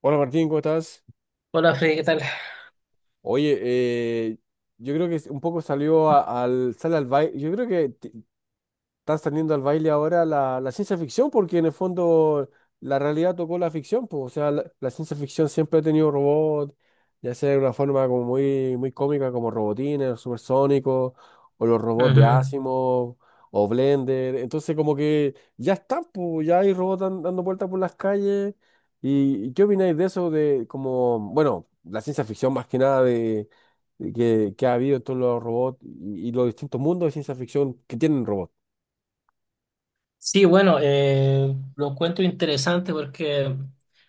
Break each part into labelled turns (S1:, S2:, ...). S1: Hola Martín, ¿cómo estás?
S2: Hola Freddy, ¿qué tal?
S1: Oye, yo creo que un poco sale al baile. Yo creo que están saliendo al baile ahora la ciencia ficción, porque en el fondo la realidad tocó la ficción, pues, o sea, la ciencia ficción siempre ha tenido robots, ya sea de una forma como muy cómica, como Robotines, Supersónicos, o los robots de
S2: Ujú.
S1: Asimov, o Blender, entonces como que ya están, pues, ya hay robots dando vueltas por las calles, y ¿qué opináis de eso, de como, bueno, la ciencia ficción más que nada de... de que ha habido en todos los robots y los distintos mundos de ciencia ficción que tienen robots.
S2: Sí, bueno, lo encuentro interesante porque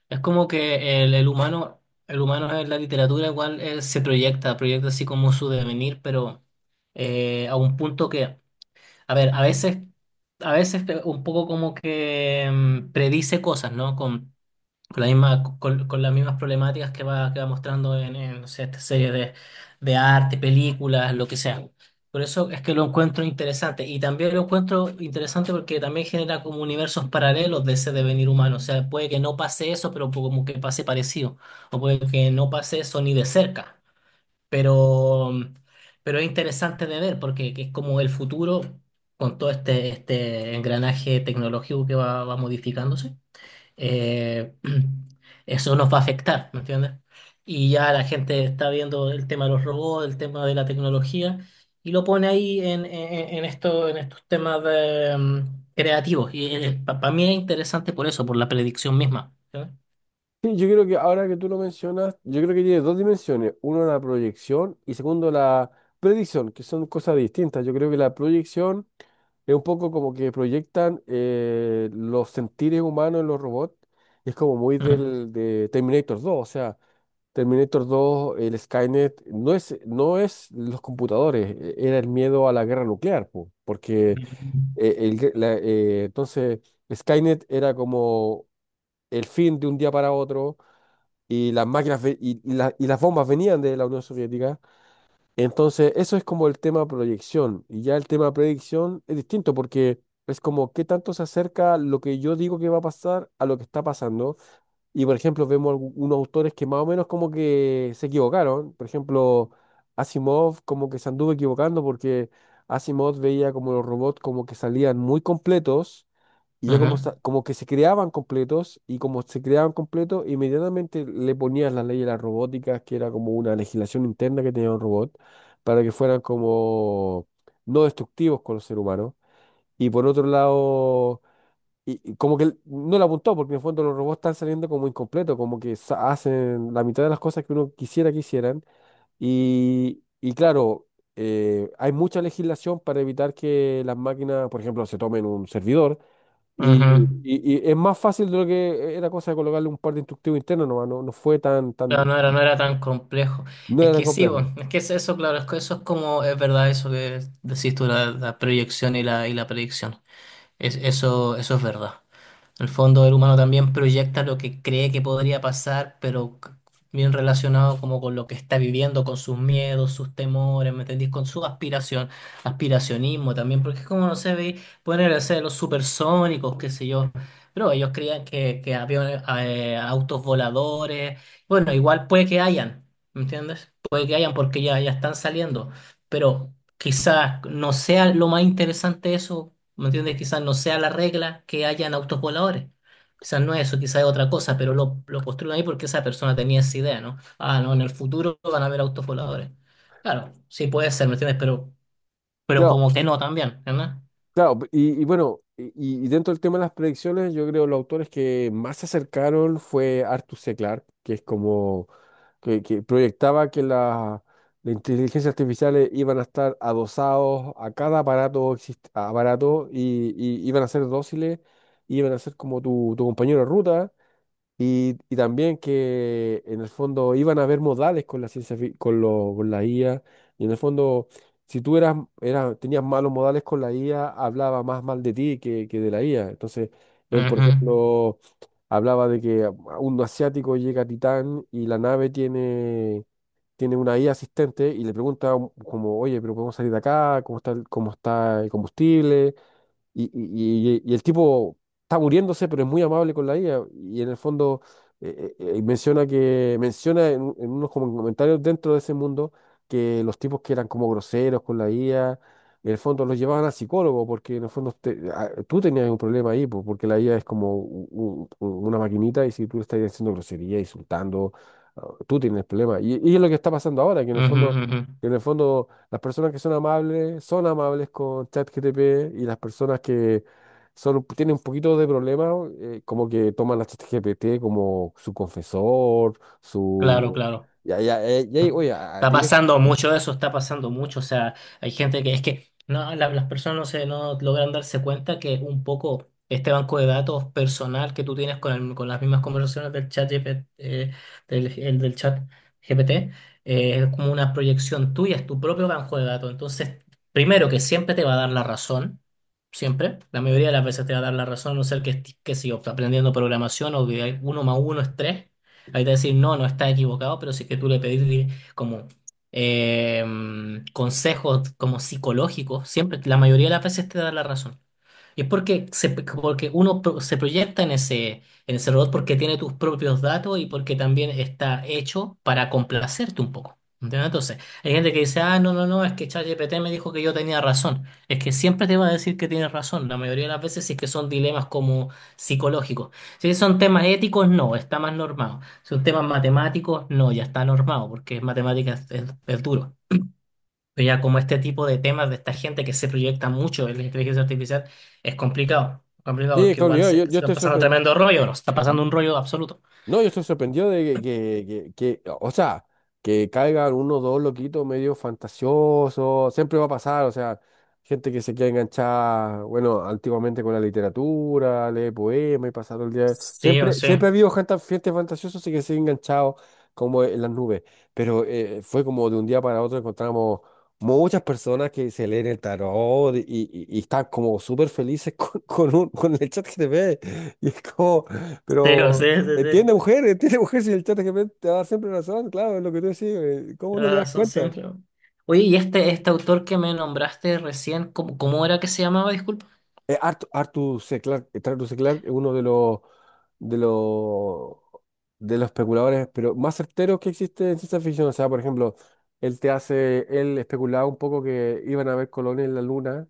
S2: es como que el humano, el humano en la literatura igual se proyecta, proyecta así como su devenir, pero a un punto que, a ver, a veces un poco como que predice cosas, ¿no? Con la misma, con las mismas problemáticas que va mostrando en, no sé, esta serie de arte, películas, lo que sea. Por eso es que lo encuentro interesante. Y también lo encuentro interesante porque también genera como universos paralelos de ese devenir humano. O sea, puede que no pase eso, pero como que pase parecido. O puede que no pase eso ni de cerca. Pero, pero es interesante de ver porque que es como el futuro con todo este engranaje tecnológico que va, va modificándose eh, eso nos va a afectar, ¿me entiendes? Y ya la gente está viendo el tema de los robots, el tema de la tecnología, y lo pone ahí en esto, en estos temas de, creativos. Y para mí es interesante por eso, por la predicción misma. ¿Entiendes?
S1: Sí, yo creo que ahora que tú lo mencionas, yo creo que tiene dos dimensiones. Uno, la proyección y segundo, la predicción, que son cosas distintas. Yo creo que la proyección es un poco como que proyectan los sentires humanos en los robots. Es como muy
S2: Mm.
S1: del de Terminator 2. O sea, Terminator 2, el Skynet, no es los computadores, era el miedo a la guerra nuclear, po, porque
S2: Mm.
S1: entonces Skynet era como el fin de un día para otro y las máquinas ve- y la- y las bombas venían de la Unión Soviética. Entonces, eso es como el tema proyección. Y ya el tema predicción es distinto porque es como qué tanto se acerca lo que yo digo que va a pasar a lo que está pasando. Y por ejemplo, vemos unos autores que más o menos como que se equivocaron. Por ejemplo, Asimov como que se anduvo equivocando porque Asimov veía como los robots como que salían muy completos y ya como, como que se creaban completos, y como se creaban completos, inmediatamente le ponías las leyes de la robótica que era como una legislación interna que tenía un robot, para que fueran como no destructivos con los seres humanos. Y por otro lado, y como que él no le apuntó, porque en el fondo los robots están saliendo como incompletos, como que hacen la mitad de las cosas que uno quisiera que hicieran. Y claro, hay mucha legislación para evitar que las máquinas, por ejemplo, se tomen un servidor
S2: Ujú, ujú.
S1: y es más fácil de lo que era cosa de colocarle un par de instructivos internos nomás, no, no fue tan, tan,
S2: Claro,
S1: di-
S2: no era tan complejo.
S1: no
S2: Es
S1: era tan
S2: que sí,
S1: complejo.
S2: bueno, es que es eso, claro, es que eso es como, es verdad eso que decís tú, la proyección y la predicción. Eso es verdad. En el fondo, el humano también proyecta lo que cree que podría pasar, pero bien relacionado como con lo que está viviendo, con sus miedos, sus temores, ¿me entendís? Con su aspiración, aspiracionismo también, porque es como, no sé, pueden ser los supersónicos, qué sé yo, pero ellos creían que había autos voladores, bueno, igual puede que hayan, ¿me entiendes? Puede que hayan porque ya, ya están saliendo, pero quizás no sea lo más interesante eso, ¿me entiendes? Quizás no sea la regla que hayan autos voladores. Quizás no es eso, quizás es otra cosa, pero lo construyen ahí porque esa persona tenía esa idea, ¿no? Ah, no, en el futuro van a haber autos voladores. Claro, sí puede ser, ¿me entiendes? Pero
S1: Claro,
S2: como que no también, ¿verdad?
S1: claro, dentro del tema de las predicciones, yo creo los autores que más se acercaron fue Arthur C. Clarke, que es como que proyectaba que la inteligencia artificial iban a estar adosados a cada aparato, aparato y iban a ser dóciles, y iban a ser como tu compañero de ruta. Y también que en el fondo iban a haber modales con la ciencia, con la IA. Y en el fondo, si tú eras, tenías malos modales con la IA, hablaba más mal de ti que de la IA. Entonces, él, por ejemplo, hablaba de que un asiático llega a Titán y la nave tiene una IA asistente y le pregunta como, oye, pero podemos salir de acá, ¿cómo está el combustible? Y el tipo está muriéndose, pero es muy amable con la IA. Y en el fondo menciona que menciona en, un- en unos como comentarios dentro de ese mundo que los tipos que eran como groseros con la IA, en el fondo los llevaban al psicólogo, porque en el fondo ah, tú tenías un problema ahí, pues, porque la IA es como una maquinita y si tú le estás haciendo grosería, insultando, ah, tú tienes problemas. Y es lo que está pasando ahora, que en el
S2: Ujú,
S1: fondo...
S2: ujú, ujú.
S1: En el fondo las personas que son amables con ChatGPT y las personas que son, tienen un poquito de problema, como que toman a ChatGPT como su confesor,
S2: Claro,
S1: su...
S2: claro.
S1: Ya, ya, ya, oye,
S2: Está
S1: tienes-
S2: pasando mucho eso, está pasando mucho. O sea, hay gente que es que no, las personas no se no logran darse cuenta que un poco este banco de datos personal que tú tienes con, con las mismas conversaciones del chat GP, del, el del chat GPT es como una proyección tuya, es tu propio banco de datos. Entonces, primero que siempre te va a dar la razón. Siempre, la mayoría de las veces te va a dar la razón, a no ser que estés, qué sé yo, aprendiendo programación o que hay uno más uno es tres. Ahí te va a decir, no, no está equivocado, pero si es que tú le pedís como eh, consejos como psicológicos, siempre, la mayoría de las veces te da la razón. Y es porque, porque uno se proyecta en ese robot porque tiene tus propios datos y porque también está hecho para complacerte un poco. ¿Entiendes? Entonces, hay gente que dice, ah, no, es que ChatGPT me dijo que yo tenía razón. Es que siempre te va a decir que tienes razón, la mayoría de las veces si es que son dilemas como psicológicos. Si son temas éticos, no, está más normado. Si son temas matemáticos, no, ya está normado, porque es matemáticas es duro. Pero ya como este tipo de temas de esta gente que se proyecta mucho en la inteligencia artificial es complicado, complicado
S1: Sí,
S2: porque igual
S1: Claudio,
S2: se, se
S1: yo
S2: está
S1: estoy
S2: pasando
S1: sorprendido.
S2: tremendo rollo, nos está pasando un rollo absoluto.
S1: No, yo estoy sorprendido de o sea, que caigan uno o dos loquitos medio fantasiosos, siempre va a pasar, o sea, gente que se queda enganchada, bueno, antiguamente con la literatura, lee poemas y pasa todo el día.
S2: Sí o sí,
S1: Siempre ha habido gente, gente fantasiosa así que se ha enganchado como en las nubes, pero fue como de un día para otro encontramos muchas personas que se leen el tarot y están como súper felices con el chat GTP, y es como...
S2: sí o sí,
S1: Pero
S2: sí, sí,
S1: entiende mujer, entiende mujer, si el chat GPT te va a dar siempre razón, claro, es lo que tú decís, ¿cómo no te
S2: la
S1: das
S2: razón
S1: cuenta?
S2: siempre. Oye, ¿y este autor que me nombraste recién, cómo, cómo era que se llamaba? Disculpa.
S1: Arthur C. Clarke, Arthur C. Clarke es uno de los de los especuladores, pero más certeros que existe en ciencia ficción. O sea, por ejemplo, él te hace, él especulaba un poco que iban a haber colonias en la luna.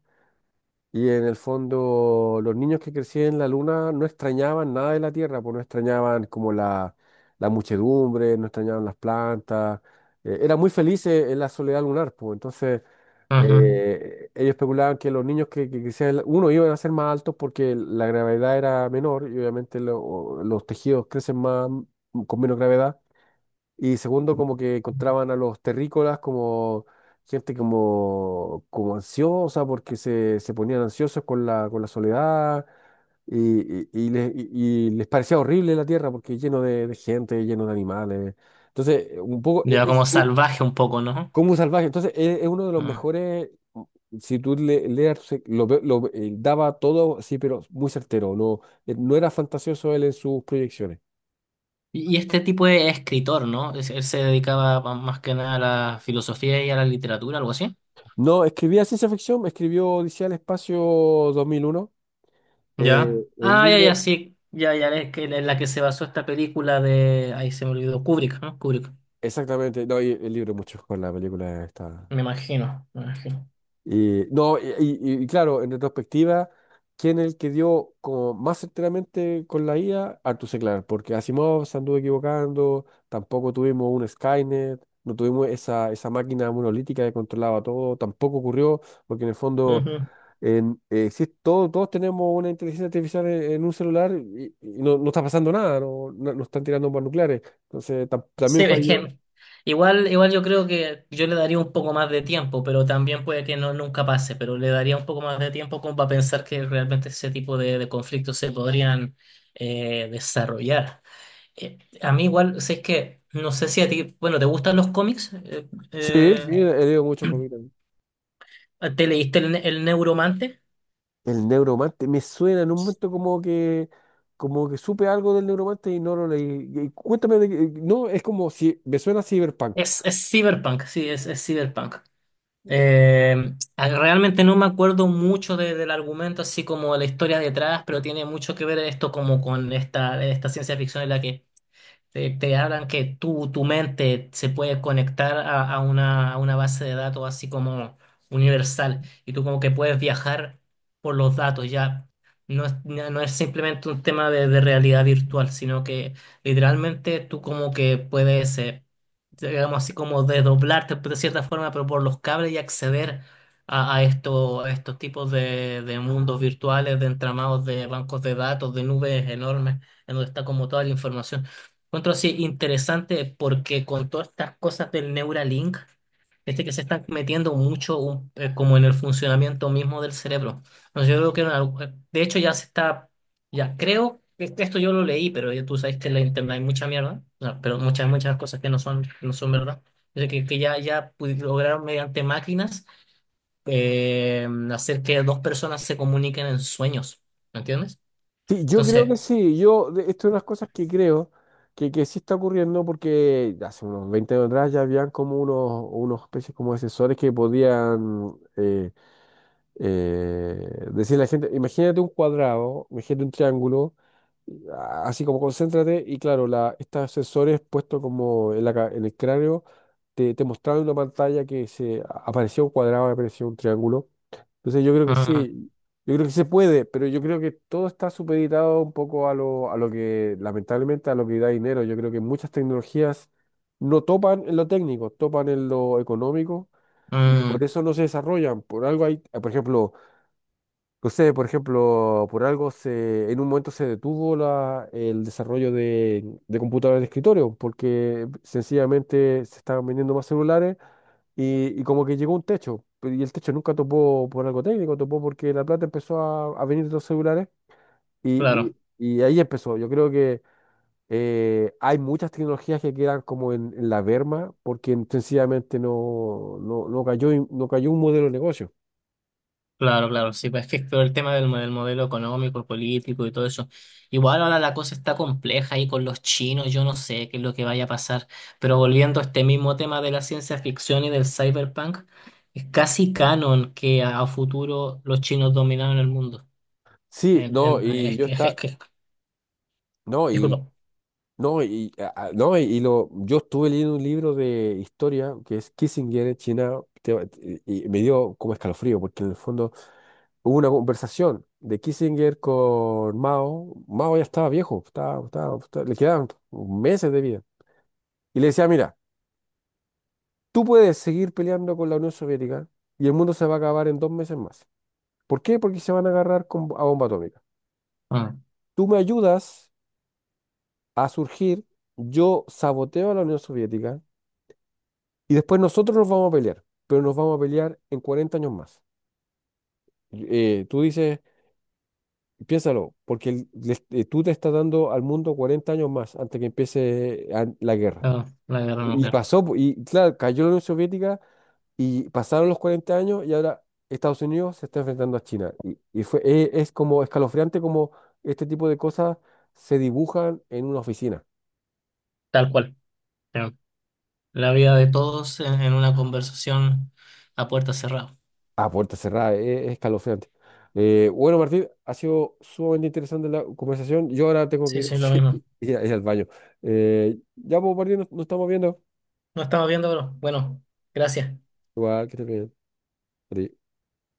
S1: Y en el fondo, los niños que crecían en la luna no extrañaban nada de la Tierra, pues no extrañaban como la muchedumbre, no extrañaban las plantas, eran muy felices en la soledad lunar, pues entonces
S2: Ujú.
S1: ellos especulaban que los niños que crecían, uno, iban a ser más altos porque la gravedad era menor y obviamente los tejidos crecen más con menos gravedad. Y segundo, como que encontraban a los terrícolas como gente como, como ansiosa, porque se ponían ansiosos con con la soledad y, y, y les, y- y les parecía horrible la tierra porque lleno de gente, lleno de animales. Entonces, un poco
S2: Ya
S1: es
S2: como salvaje un poco, ¿no?
S1: como un salvaje. Entonces, es uno de los
S2: Mm.
S1: mejores. Si tú le, leas, lo, lo, daba todo, sí, pero muy certero. No, no era fantasioso él en sus proyecciones.
S2: Y este tipo de escritor, ¿no? Él se dedicaba más que nada a la filosofía y a la literatura, algo así.
S1: No, escribía ciencia ficción, escribió Odisea del Espacio 2001. Eh,
S2: ¿Ya?
S1: el
S2: Ah, ya, ya,
S1: libro,
S2: sí. Ya, ya, es que en la que se basó esta película de… Ahí se me olvidó, Kubrick, ¿no? Kubrick.
S1: exactamente, no, y el libro mucho con la película está.
S2: Me imagino, me imagino.
S1: Y, no, y claro, en retrospectiva, ¿quién es el que dio como más enteramente con la IA? Arthur C. Clarke, porque Asimov se anduvo equivocando, tampoco tuvimos un Skynet, no tuvimos esa máquina monolítica que controlaba todo, tampoco ocurrió, porque en el fondo
S2: Ujú.
S1: todos tenemos una inteligencia artificial en un celular y no, no está pasando nada, no están tirando bombas nucleares. Entonces,
S2: Sí,
S1: también
S2: es
S1: falló.
S2: que igual, igual yo creo que yo le daría un poco más de tiempo, pero también puede que no nunca pase, pero le daría un poco más de tiempo como para pensar que realmente ese tipo de conflictos se podrían desarrollar. A mí igual, o es que no sé si a ti, bueno, ¿te gustan los cómics?
S1: Sí, sí, he leído muchos cómics.
S2: ¿Te leíste el Neuromante?
S1: El Neuromante, me suena en un momento como que supe algo del Neuromante y no lo leí. Y cuéntame de no, es como si, me suena a Cyberpunk.
S2: Es Cyberpunk, sí, es Cyberpunk. Realmente no me acuerdo mucho del argumento, así como de la historia detrás, pero tiene mucho que ver esto como con esta, esta ciencia ficción en la que te hablan que tú, tu mente se puede conectar a una base de datos así como universal y tú como que puedes viajar por los datos, ya no es, no no es simplemente un tema de realidad virtual, sino que literalmente tú como que puedes, digamos así como desdoblarte de cierta forma, pero por los cables y acceder a, a estos tipos de mundos virtuales, de entramados de bancos de datos, de nubes enormes, en donde está como toda la información. Encuentro así interesante porque con todas estas cosas del Neuralink, este que se están metiendo mucho como en el funcionamiento mismo del cerebro. No, yo creo que en de hecho ya se está, ya creo, que este, esto yo lo leí, pero ya tú sabes que en la internet hay mucha mierda, no, pero muchas, muchas cosas que no son, no son verdad. Yo sé que ya, lograron mediante máquinas hacer que dos personas se comuniquen en sueños, ¿me entiendes?
S1: Sí, yo creo que
S2: Entonces,
S1: sí, yo, esto es unas cosas que creo que sí está ocurriendo porque hace unos 20 años atrás ya habían como unos, unos especies como de sensores que podían decirle a la gente, imagínate un cuadrado, imagínate un triángulo. Así como concéntrate y claro, la, estos sensores puestos como en en el cráneo te mostraban una pantalla que se aparecía un cuadrado, aparecía un triángulo. Entonces yo creo que
S2: ah,
S1: sí, yo creo que se puede, pero yo creo que todo está supeditado un poco a lo que, lamentablemente, a lo que da dinero. Yo creo que muchas tecnologías no topan en lo técnico, topan en lo económico y por
S2: mm,
S1: eso no se desarrollan. Por algo hay, por ejemplo, no sé, por ejemplo, por algo se, en un momento se detuvo la, el desarrollo de computadoras de escritorio, porque sencillamente se estaban vendiendo más celulares y como que llegó un techo, pero- y el techo nunca topó por algo técnico, topó porque la plata empezó a venir de los celulares
S2: claro.
S1: y ahí empezó. Yo creo que hay muchas tecnologías que quedan como en la berma porque sencillamente no cayó, no cayó un modelo de negocio.
S2: Claro, claro, sí, pues es que todo el tema del, del modelo económico, político y todo eso. Igual ahora la cosa está compleja y con los chinos, yo no sé qué es lo que vaya a pasar, pero volviendo a este mismo tema de la ciencia ficción y del cyberpunk, es casi canon que a futuro los chinos dominaron el mundo.
S1: Sí, no, y yo
S2: Es
S1: está...
S2: que,
S1: No,
S2: disculpa.
S1: no, y, no, yo estuve leyendo un libro de historia que es Kissinger en China y me dio como escalofrío porque en el fondo hubo una conversación de Kissinger con Mao. Mao ya estaba viejo, le quedaban meses de vida. Y le decía, mira, tú puedes seguir peleando con la Unión Soviética y el mundo se va a acabar en 2 meses más. ¿Por qué? Porque se van a agarrar con, a bomba atómica.
S2: Ah,
S1: Tú me ayudas a surgir, yo saboteo a la Unión Soviética. Y después nosotros nos vamos a pelear, pero nos vamos a pelear en 40 años más. Y, tú dices, piénsalo, porque tú te estás dando al mundo 40 años más antes que empiece la guerra.
S2: ah, la guerra
S1: Y
S2: nuclear,
S1: pasó, po, y claro, cayó la Unión Soviética y pasaron los 40 años y ahora Estados Unidos se está enfrentando a China. Y fue, es como escalofriante como este tipo de cosas se dibujan en una oficina.
S2: tal cual. Eh, La vida de todos en una conversación a puerta cerrada.
S1: A puerta cerrada, es escalofriante. Bueno, Martín, ha sido sumamente interesante la conversación. Yo ahora tengo que
S2: Sí,
S1: ir,
S2: sí, lo
S1: sí,
S2: mismo.
S1: ir ir al baño. Ya, pues, Martín, nos estamos viendo.
S2: No estamos viendo, pero bueno, gracias.
S1: Igual, que estés bien. Adiós.